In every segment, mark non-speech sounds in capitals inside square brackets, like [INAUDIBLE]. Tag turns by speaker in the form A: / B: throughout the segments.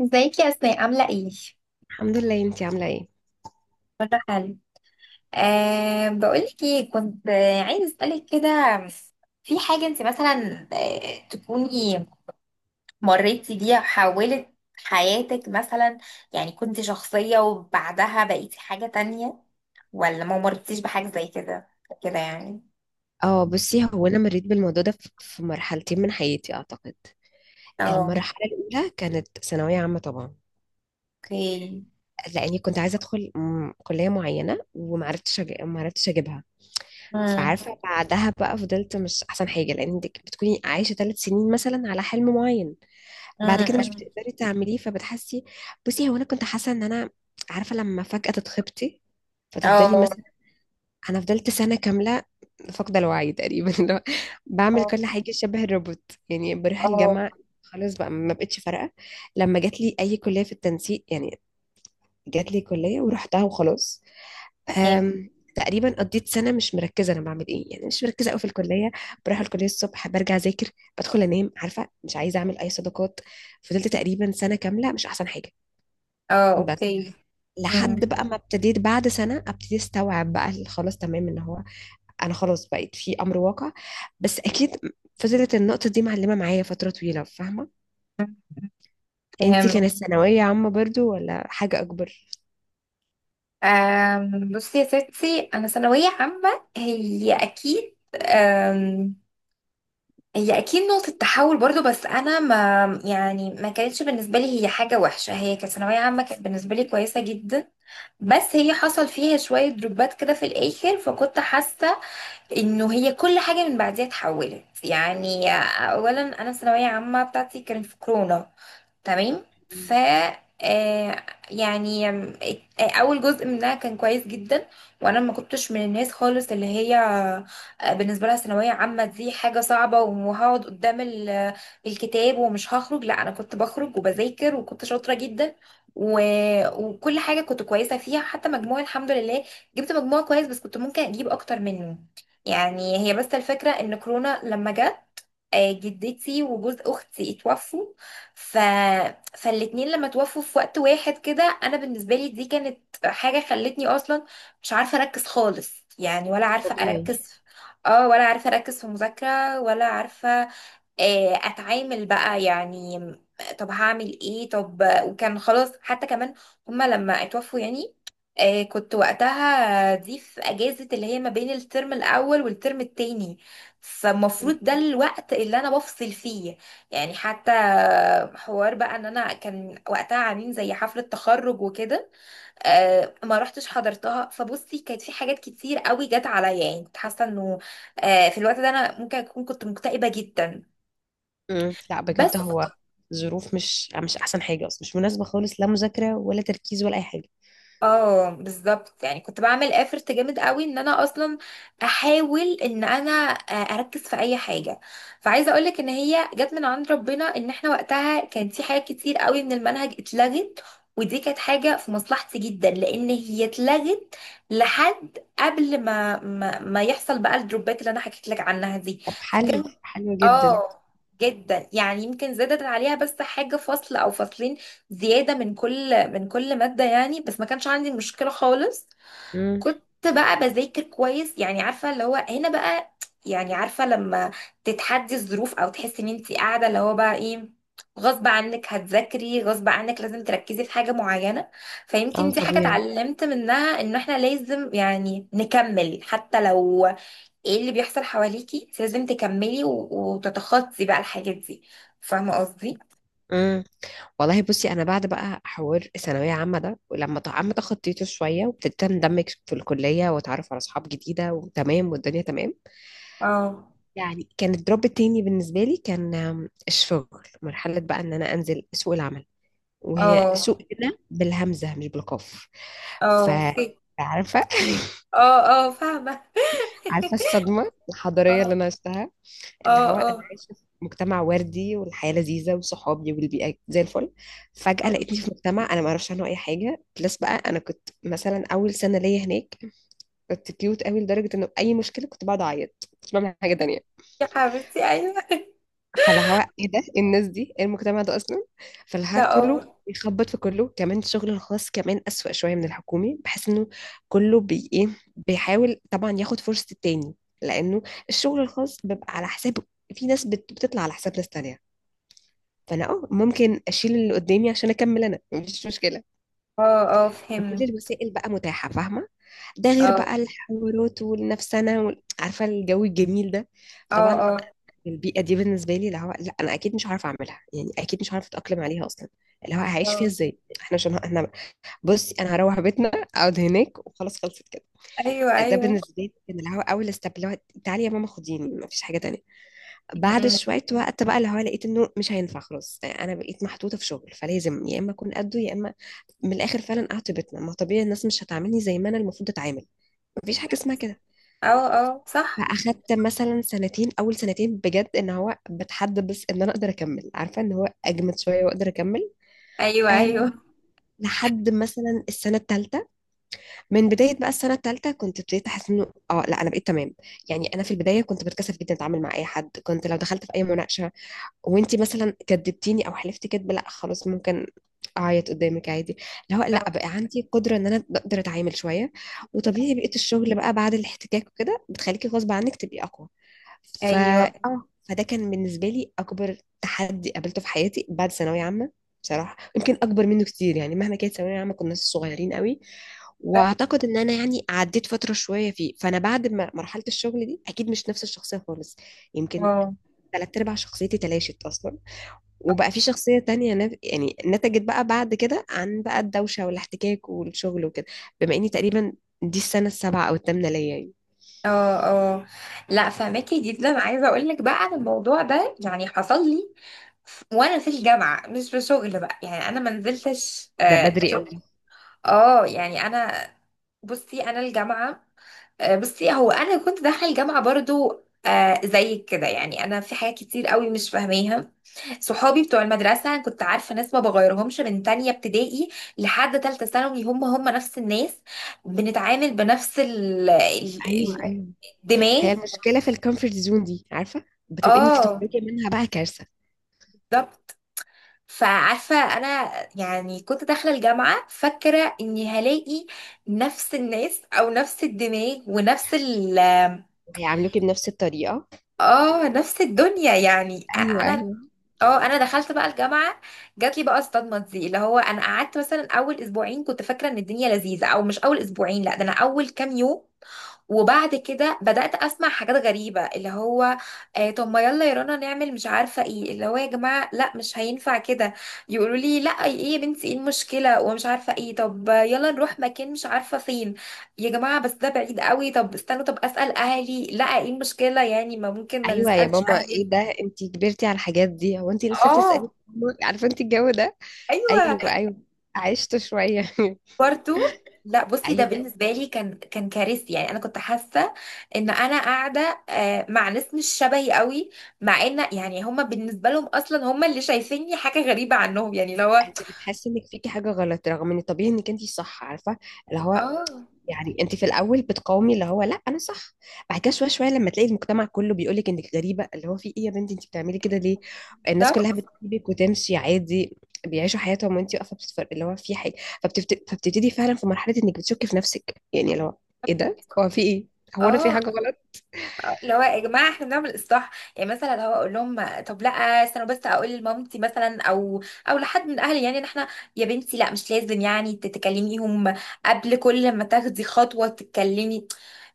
A: ازيك يا اسماء، عاملة ايه؟
B: الحمد لله، انتي عاملة ايه؟
A: كله حلو. أه، بقولك ايه، كنت عايزة اسألك كده. في حاجة انت مثلا تكوني مريتي بيها، حولت حياتك مثلا، يعني كنت شخصية وبعدها بقيتي حاجة تانية، ولا ما مرتيش بحاجة زي كده، كده يعني.
B: اه، بصي، هو انا مريت بالموضوع ده في مرحلتين من حياتي اعتقد.
A: اه.
B: المرحلة الاولى كانت ثانوية عامة طبعا،
A: اوكي.
B: لاني كنت عايزة ادخل كلية معينة ومعرفتش معرفتش اجيبها.
A: امم.
B: فعارفة بعدها بقى فضلت مش احسن حاجة، لان انتك بتكوني عايشة 3 سنين مثلا على حلم معين، بعد كده مش
A: امم.
B: بتقدري تعمليه فبتحسي. بصي هو انا كنت حاسة ان انا، عارفة، لما فجأة تتخبطي فتفضلي
A: اه.
B: مثلا. انا فضلت سنه كامله فاقده الوعي تقريبا [LAUGHS] اللي هو بعمل
A: اه.
B: كل حاجه شبه الروبوت، يعني بروح
A: اه.
B: الجامعه خلاص بقى ما بقتش فارقه. لما جات لي اي كليه في التنسيق، يعني جات لي كليه ورحتها وخلاص.
A: تمام.
B: تقريبا قضيت سنه مش مركزه انا بعمل ايه، يعني مش مركزه قوي في الكليه. بروح الكليه الصبح برجع اذاكر، بدخل انام، عارفه مش عايزه اعمل اي صداقات. فضلت تقريبا سنه كامله مش احسن حاجه.
A: اه.
B: بس
A: اوكي. امم.
B: لحد بقى ما ابتديت بعد سنه ابتدي استوعب بقى خلاص تمام ان هو انا خلاص بقيت في امر واقع. بس اكيد فضلت النقطة دي معلمة معايا فترة طويلة، فاهمة؟ انتي
A: فهمت.
B: كانت ثانوية عامة برضو ولا حاجة اكبر؟
A: بصي يا ستي، انا ثانويه عامه هي اكيد. أم، هي اكيد نقطه تحول برضو، بس انا ما يعني ما كانتش بالنسبه لي هي حاجه وحشه، هي كانت ثانويه عامه كانت بالنسبه لي كويسه جدا. بس هي حصل فيها شويه دروبات كده في الاخر، فكنت حاسه انه هي كل حاجه من بعديها اتحولت يعني. اولا انا الثانويه عامه بتاعتي كانت في كورونا. تمام. ف
B: مم.
A: آه، يعني اول جزء منها كان كويس جدا. وانا ما كنتش من الناس خالص اللي هي بالنسبه لها ثانويه عامه دي حاجه صعبه وهقعد قدام الكتاب ومش هخرج، لا انا كنت بخرج وبذاكر وكنت شاطره جدا. و... وكل حاجه كنت كويسه فيها، حتى مجموعي الحمد لله جبت مجموع كويس، بس كنت ممكن اجيب اكتر منه. يعني هي بس الفكره ان كورونا لما جت جدتي وجوز اختي اتوفوا. ف... فالاتنين لما توفوا في وقت واحد كده، انا بالنسبه لي دي كانت حاجه خلتني اصلا مش عارفه اركز خالص، يعني ولا عارفه
B: طبيعي.
A: اركز. اه، ولا عارفه اركز في مذاكره ولا عارفه اتعامل بقى يعني. طب هعمل ايه طب. وكان خلاص، حتى كمان هما لما اتوفوا يعني، كنت وقتها دي في اجازة اللي هي ما بين الترم الاول والترم التاني، فالمفروض ده الوقت اللي انا بفصل فيه يعني. حتى حوار بقى ان انا كان وقتها عاملين زي حفلة تخرج وكده، ما رحتش حضرتها. فبصي، كانت في حاجات كتير قوي جت عليا، يعني كنت حاسة انه في الوقت ده انا ممكن اكون كنت مكتئبة جدا.
B: مم. لا بجد،
A: بس.
B: هو ظروف مش احسن حاجة اصلا، مش مناسبة خالص، لا مذاكرة ولا تركيز ولا اي حاجة.
A: اه، بالظبط. يعني كنت بعمل افرت جامد قوي ان انا اصلا احاول ان انا اركز في اي حاجه. فعايزه اقولك ان هي جت من عند ربنا، ان احنا وقتها كان في حاجات كتير قوي من المنهج اتلغت، ودي كانت حاجه في مصلحتي جدا لان هي اتلغت لحد قبل ما ما يحصل بقى الدروبات اللي انا حكيت لك عنها دي.
B: طب حلو حلو
A: اه.
B: جدا.
A: جدا يعني، يمكن زادت عليها بس حاجة فصل او فصلين زيادة من كل مادة، يعني بس ما كانش عندي مشكلة خالص.
B: مم.
A: كنت بقى بذاكر كويس، يعني عارفة اللي هو هنا بقى، يعني عارفة لما تتحدي الظروف او تحسي ان انت قاعدة اللي هو بقى ايه، غصب عنك هتذاكري غصب عنك، لازم تركزي في حاجة معينة. فيمكن
B: اه
A: دي حاجة
B: طبيعي.
A: اتعلمت منها، ان احنا لازم يعني نكمل حتى لو ايه اللي بيحصل حواليكي، انت لازم تكملي و... وتتخطي بقى الحاجات دي. فاهمه قصدي؟
B: امم. والله بصي انا بعد بقى حوار الثانويه عامه ده، ولما عم تخطيته شويه وابتديت اندمج في الكليه واتعرف على اصحاب جديده وتمام والدنيا تمام،
A: اه.
B: يعني كان الدروب التاني بالنسبة لي كان الشغل. مرحلة بقى ان انا انزل سوق العمل. وهي
A: اه.
B: سوق هنا بالهمزة مش بالقاف. ف
A: اه
B: عارفة [LAUGHS]
A: اه. اه فاهمه [LAUGHS]
B: عارفة الصدمة الحضارية
A: اه.
B: اللي أنا عشتها. اللي
A: اه.
B: هو أنا
A: اه.
B: عايشة في مجتمع وردي والحياة لذيذة وصحابي والبيئة زي الفل، فجأة
A: آه.
B: لقيتني في مجتمع أنا ما أعرفش عنه أي حاجة. بلس بقى أنا كنت مثلا أول سنة ليا هناك كنت كيوت قوي لدرجة إنه أي مشكلة كنت بقعد أعيط كنت بعمل حاجة تانية.
A: يا حبيبتي ايوه [LAUGHS]
B: فاللي هو ايه ده، إيه الناس دي، إيه المجتمع ده اصلا. فاللي
A: ده
B: هو كله
A: اه.
B: بيخبط في كله، كمان الشغل الخاص كمان اسوأ شويه من الحكومي، بحس انه كله بي ايه بيحاول طبعا ياخد فرصه التاني، لانه الشغل الخاص بيبقى على حساب، في ناس بتطلع على حساب ناس تانية. فانا اه ممكن اشيل اللي قدامي عشان اكمل انا مفيش مشكله،
A: اه. اه
B: كل
A: فهمت.
B: الوسائل بقى متاحه، فاهمه. ده غير
A: اه.
B: بقى الحوارات والنفسنه عارفه الجو الجميل ده.
A: اه.
B: طبعا
A: اه.
B: البيئة دي بالنسبة لي اللي هو لا أنا أكيد مش عارفة أعملها، يعني أكيد مش عارفة أتأقلم عليها أصلا، اللي هو هعيش فيها
A: اه.
B: إزاي إحنا عشان إحنا. بصي أنا هروح بيتنا، أقعد هناك وخلاص خلصت كده.
A: ايوه
B: ده
A: ايوه.
B: بالنسبة لي كان اللي هو أول ستيب، اللي هو تعالي يا ماما خديني، مفيش حاجة تانية. بعد
A: م- م.
B: شوية وقت بقى اللي هو لقيت إنه مش هينفع، خلاص أنا بقيت محطوطة في شغل فلازم يا إما أكون قده يا إما من الآخر فعلا أقعد في بيتنا. ما طبيعي الناس مش هتعاملني زي ما أنا المفروض أتعامل، مفيش حاجة اسمها كده.
A: اه اه صح.
B: فاخدت مثلا سنتين، اول سنتين بجد ان هو بتحدى، بس ان انا اقدر اكمل، عارفه ان هو اجمد شويه واقدر اكمل.
A: ايوه
B: آه
A: ايوه.
B: لحد مثلا السنه الثالثه. من بدايه بقى السنه الثالثه كنت ابتديت احس انه اه لا انا بقيت تمام. يعني انا في البدايه كنت بتكسف جدا اتعامل مع اي حد، كنت لو دخلت في اي مناقشه وانتي مثلا كدبتيني او حلفتي كدب، لا خلاص ممكن اعيط قدامك عادي. اللي هو لا،
A: آه.
B: بقى عندي قدره ان انا اقدر اتعامل شويه. وطبيعي بقيت الشغل بقى بعد الاحتكاك وكده بتخليكي غصب عنك تبقي اقوى. ف
A: ايوه.
B: اه فده كان بالنسبه لي اكبر تحدي قابلته في حياتي بعد ثانويه عامه. بصراحه يمكن اكبر منه كتير، يعني مهما كانت ثانويه عامه كنا صغيرين قوي. واعتقد ان انا يعني عديت فتره شويه فيه، فانا بعد ما مرحله الشغل دي اكيد مش نفس الشخصيه خالص. يمكن
A: اه.
B: ثلاث ارباع شخصيتي تلاشت اصلا، وبقى في شخصيه تانية يعني نتجت بقى بعد كده عن بقى الدوشه والاحتكاك والشغل وكده. بما اني تقريبا دي السنه السابعه او الثامنه ليا يعني.
A: اه. اه. لا فهماكي جدا. عايزه اقول لك بقى عن الموضوع ده، يعني حصل لي وانا في الجامعه، مش في شغل بقى يعني، انا ما نزلتش
B: ده
A: آه
B: بدري
A: شغل.
B: قوي.
A: اه، يعني انا، بصي انا الجامعه، آه بصي هو انا كنت داخله الجامعه برضو آه زيك كده، يعني انا في حاجات كتير قوي مش فاهماها. صحابي بتوع المدرسه، أنا كنت عارفه ناس ما بغيرهمش من تانية ابتدائي لحد تالتة ثانوي، هم هم نفس الناس، بنتعامل بنفس
B: ايوه ايوه.
A: الدماغ.
B: هي المشكلة في الكومفورت زون دي، عارفة، بتبقي انك
A: اه،
B: تخرجي منها بقى كارثة.
A: بالظبط. فعارفة أنا، يعني كنت داخلة الجامعة فاكرة إني هلاقي نفس الناس أو نفس الدماغ ونفس ال.
B: وهيعاملوكي بنفس الطريقة.
A: اه، نفس الدنيا يعني.
B: ايوه
A: أنا،
B: ايوه.
A: اه، أنا دخلت بقى الجامعة، جاتلي بقى الصدمة دي اللي هو أنا قعدت مثلا أول أسبوعين كنت فاكرة إن الدنيا لذيذة. أو مش أول أسبوعين، لأ، ده أنا أول كام يوم. وبعد كده بدأت أسمع حاجات غريبة، اللي هو آه طب ما يلا يا رنا نعمل مش عارفة ايه، اللي هو يا جماعة لا مش هينفع كده. يقولوا لي لا ايه يا بنتي، ايه المشكلة ومش عارفة ايه، طب يلا نروح مكان مش عارفة فين، يا جماعة بس ده بعيد قوي، طب استنوا، طب أسأل أهلي، لا ايه المشكلة يعني، ما ممكن ما
B: ايوه يا
A: نسألش
B: ماما
A: أهلنا.
B: ايه ده، انت كبرتي على الحاجات دي، هو انت لسه بتسألي؟
A: اه
B: عارفة انت الجو ده.
A: [LAUGHS]
B: ايوه
A: ايوه.
B: ايوه. عشت شوية [LAUGHS]
A: برضه لا، بصي ده
B: ايوه.
A: بالنسبه لي كان كارثي، يعني انا كنت حاسه ان انا قاعده مع ناس مش شبهي قوي، مع ان يعني هما بالنسبه لهم اصلا هما اللي شايفيني حاجه غريبه عنهم يعني، لو.
B: انت بتحسي انك فيكي حاجة غلط رغم ان طبيعي انك انت صح، عارفة، اللي هو
A: اه.
B: يعني انت في الاول بتقاومي اللي هو لا انا صح. بعد كده شويه شويه لما تلاقي المجتمع كله بيقول لك انك غريبه، اللي هو في ايه يا بنتي، انت بتعملي كده ليه، الناس كلها
A: بالظبط.
B: بتسيبك وتمشي عادي، بيعيشوا حياتهم وانت واقفه بتتفرج اللي هو في حاجه. فبتبتدي فعلا في مرحله انك بتشكي في نفسك، يعني لو ايه ده، هو في ايه، هو انا في
A: اه
B: حاجه غلط.
A: اللي هو يا جماعه احنا بنعمل اصلاح، يعني مثلا لو اقول لهم طب لا، استنوا بس اقول لمامتي مثلا او لحد من اهلي يعني ان احنا، يا بنتي لا مش لازم يعني تتكلميهم قبل كل ما تاخدي خطوه، تتكلمي.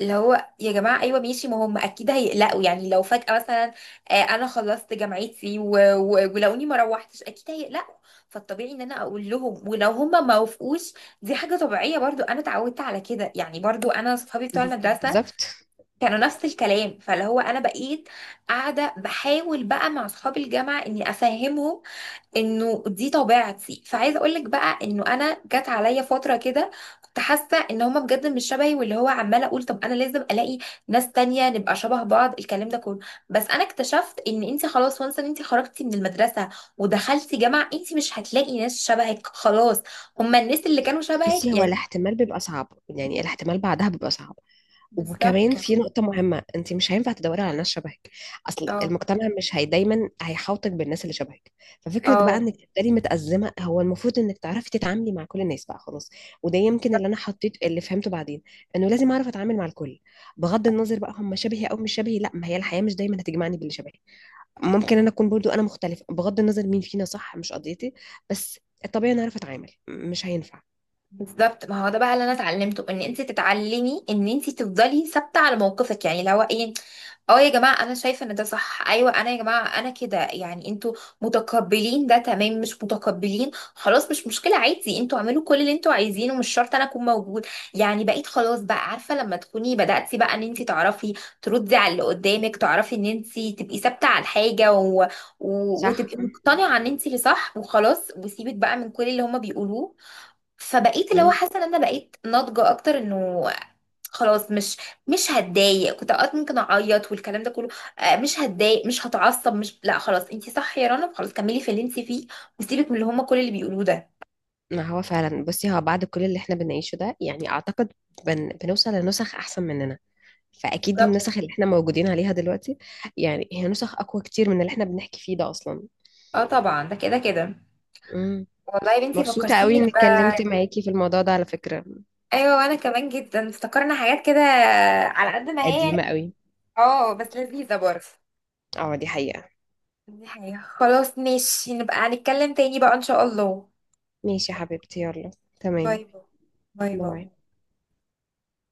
A: اللي هو يا جماعة أيوة ماشي، ما هم أكيد هيقلقوا، يعني لو فجأة مثلا أنا خلصت جامعتي و- و- ولقوني ما روحتش، أكيد هيقلقوا. فالطبيعي إن أنا أقول لهم، ولو هم ما وافقوش دي حاجة طبيعية برضو، أنا اتعودت على كده. يعني برضو أنا صحابي بتوع المدرسة
B: بالظبط.
A: كانوا نفس الكلام. فاللي هو انا بقيت قاعده بحاول بقى مع اصحاب الجامعه اني افهمهم انه دي طبيعتي. فعايزه اقول لك بقى انه انا جت عليا فتره كده كنت حاسه ان هما بجد مش شبهي، واللي هو عماله اقول طب انا لازم الاقي ناس تانية نبقى شبه بعض، الكلام ده كله. بس انا اكتشفت ان انت خلاص، وانس ان انت خرجتي من المدرسه ودخلتي جامعه، انت مش هتلاقي ناس شبهك خلاص، هما الناس اللي كانوا شبهك
B: بس هو
A: يعني.
B: الاحتمال بيبقى صعب، يعني الاحتمال بعدها بيبقى صعب.
A: بالظبط.
B: وكمان في نقطة مهمة، انت مش هينفع تدوري على ناس شبهك. اصل
A: اه.
B: المجتمع مش هي دايما هيحاوطك بالناس اللي شبهك. ففكرة بقى
A: اه
B: انك تبقي متأزمة، هو المفروض انك تعرفي تتعاملي مع كل الناس بقى خلاص. وده يمكن اللي انا حطيت اللي فهمته بعدين، انه لازم اعرف اتعامل مع الكل، بغض النظر بقى هم شبهي او مش شبهي. لا ما هي الحياة مش دايما هتجمعني باللي شبهي، ممكن انا اكون برضو انا مختلفة، بغض النظر مين فينا صح مش قضيتي. بس الطبيعي انا اعرف اتعامل، مش هينفع.
A: بالظبط. ما هو ده بقى اللي انا اتعلمته، ان انت تتعلمي ان انت تفضلي ثابته على موقفك، يعني لو ايه، اه يا جماعه انا شايفه ان ده صح، ايوه انا يا جماعه انا كده يعني، انتوا متقبلين ده تمام، مش متقبلين خلاص مش مشكله عادي، انتوا اعملوا كل اللي انتوا عايزينه، مش شرط انا اكون موجود. يعني بقيت خلاص بقى عارفه لما تكوني بداتي بقى ان انت تعرفي تردي على اللي قدامك، تعرفي ان انت تبقي ثابته على الحاجه و... و...
B: صح.
A: وتبقي مقتنعه ان انت اللي صح وخلاص، وسيبك بقى من كل اللي هما بيقولوه. فبقيت اللي هو حاسه ان انا بقيت ناضجه اكتر، انه خلاص مش هتضايق. كنت اوقات ممكن اعيط والكلام ده كله. مش هتضايق مش هتعصب، مش، لا خلاص انتي صح يا رنا، خلاص كملي في اللي انتي فيه، وسيبك من اللي هما كل اللي بيقولوه ده.
B: ما هو فعلا بصي هو بعد كل اللي احنا بنعيشه ده، يعني اعتقد بنوصل لنسخ احسن مننا. فاكيد
A: بالظبط.
B: النسخ اللي احنا موجودين عليها دلوقتي، يعني هي نسخ اقوى كتير من اللي احنا بنحكي فيه ده اصلا.
A: اه طبعا ده كده كده.
B: امم.
A: والله يا بنتي
B: مبسوطة قوي
A: فكرتيني
B: اني اتكلمت
A: بقى.
B: معاكي في الموضوع ده على فكرة.
A: ايوه، وانا كمان جدا افتكرنا حاجات كده، على قد ما هي
B: قديمة
A: يعني.
B: قوي.
A: اه بس لذيذه برضه.
B: اه دي حقيقة.
A: دي حقيقة. خلاص ماشي، نبقى هنتكلم تاني بقى ان شاء الله.
B: ماشي يا حبيبتي يلا.
A: باي
B: تمام.
A: باي. باي باي.
B: باي.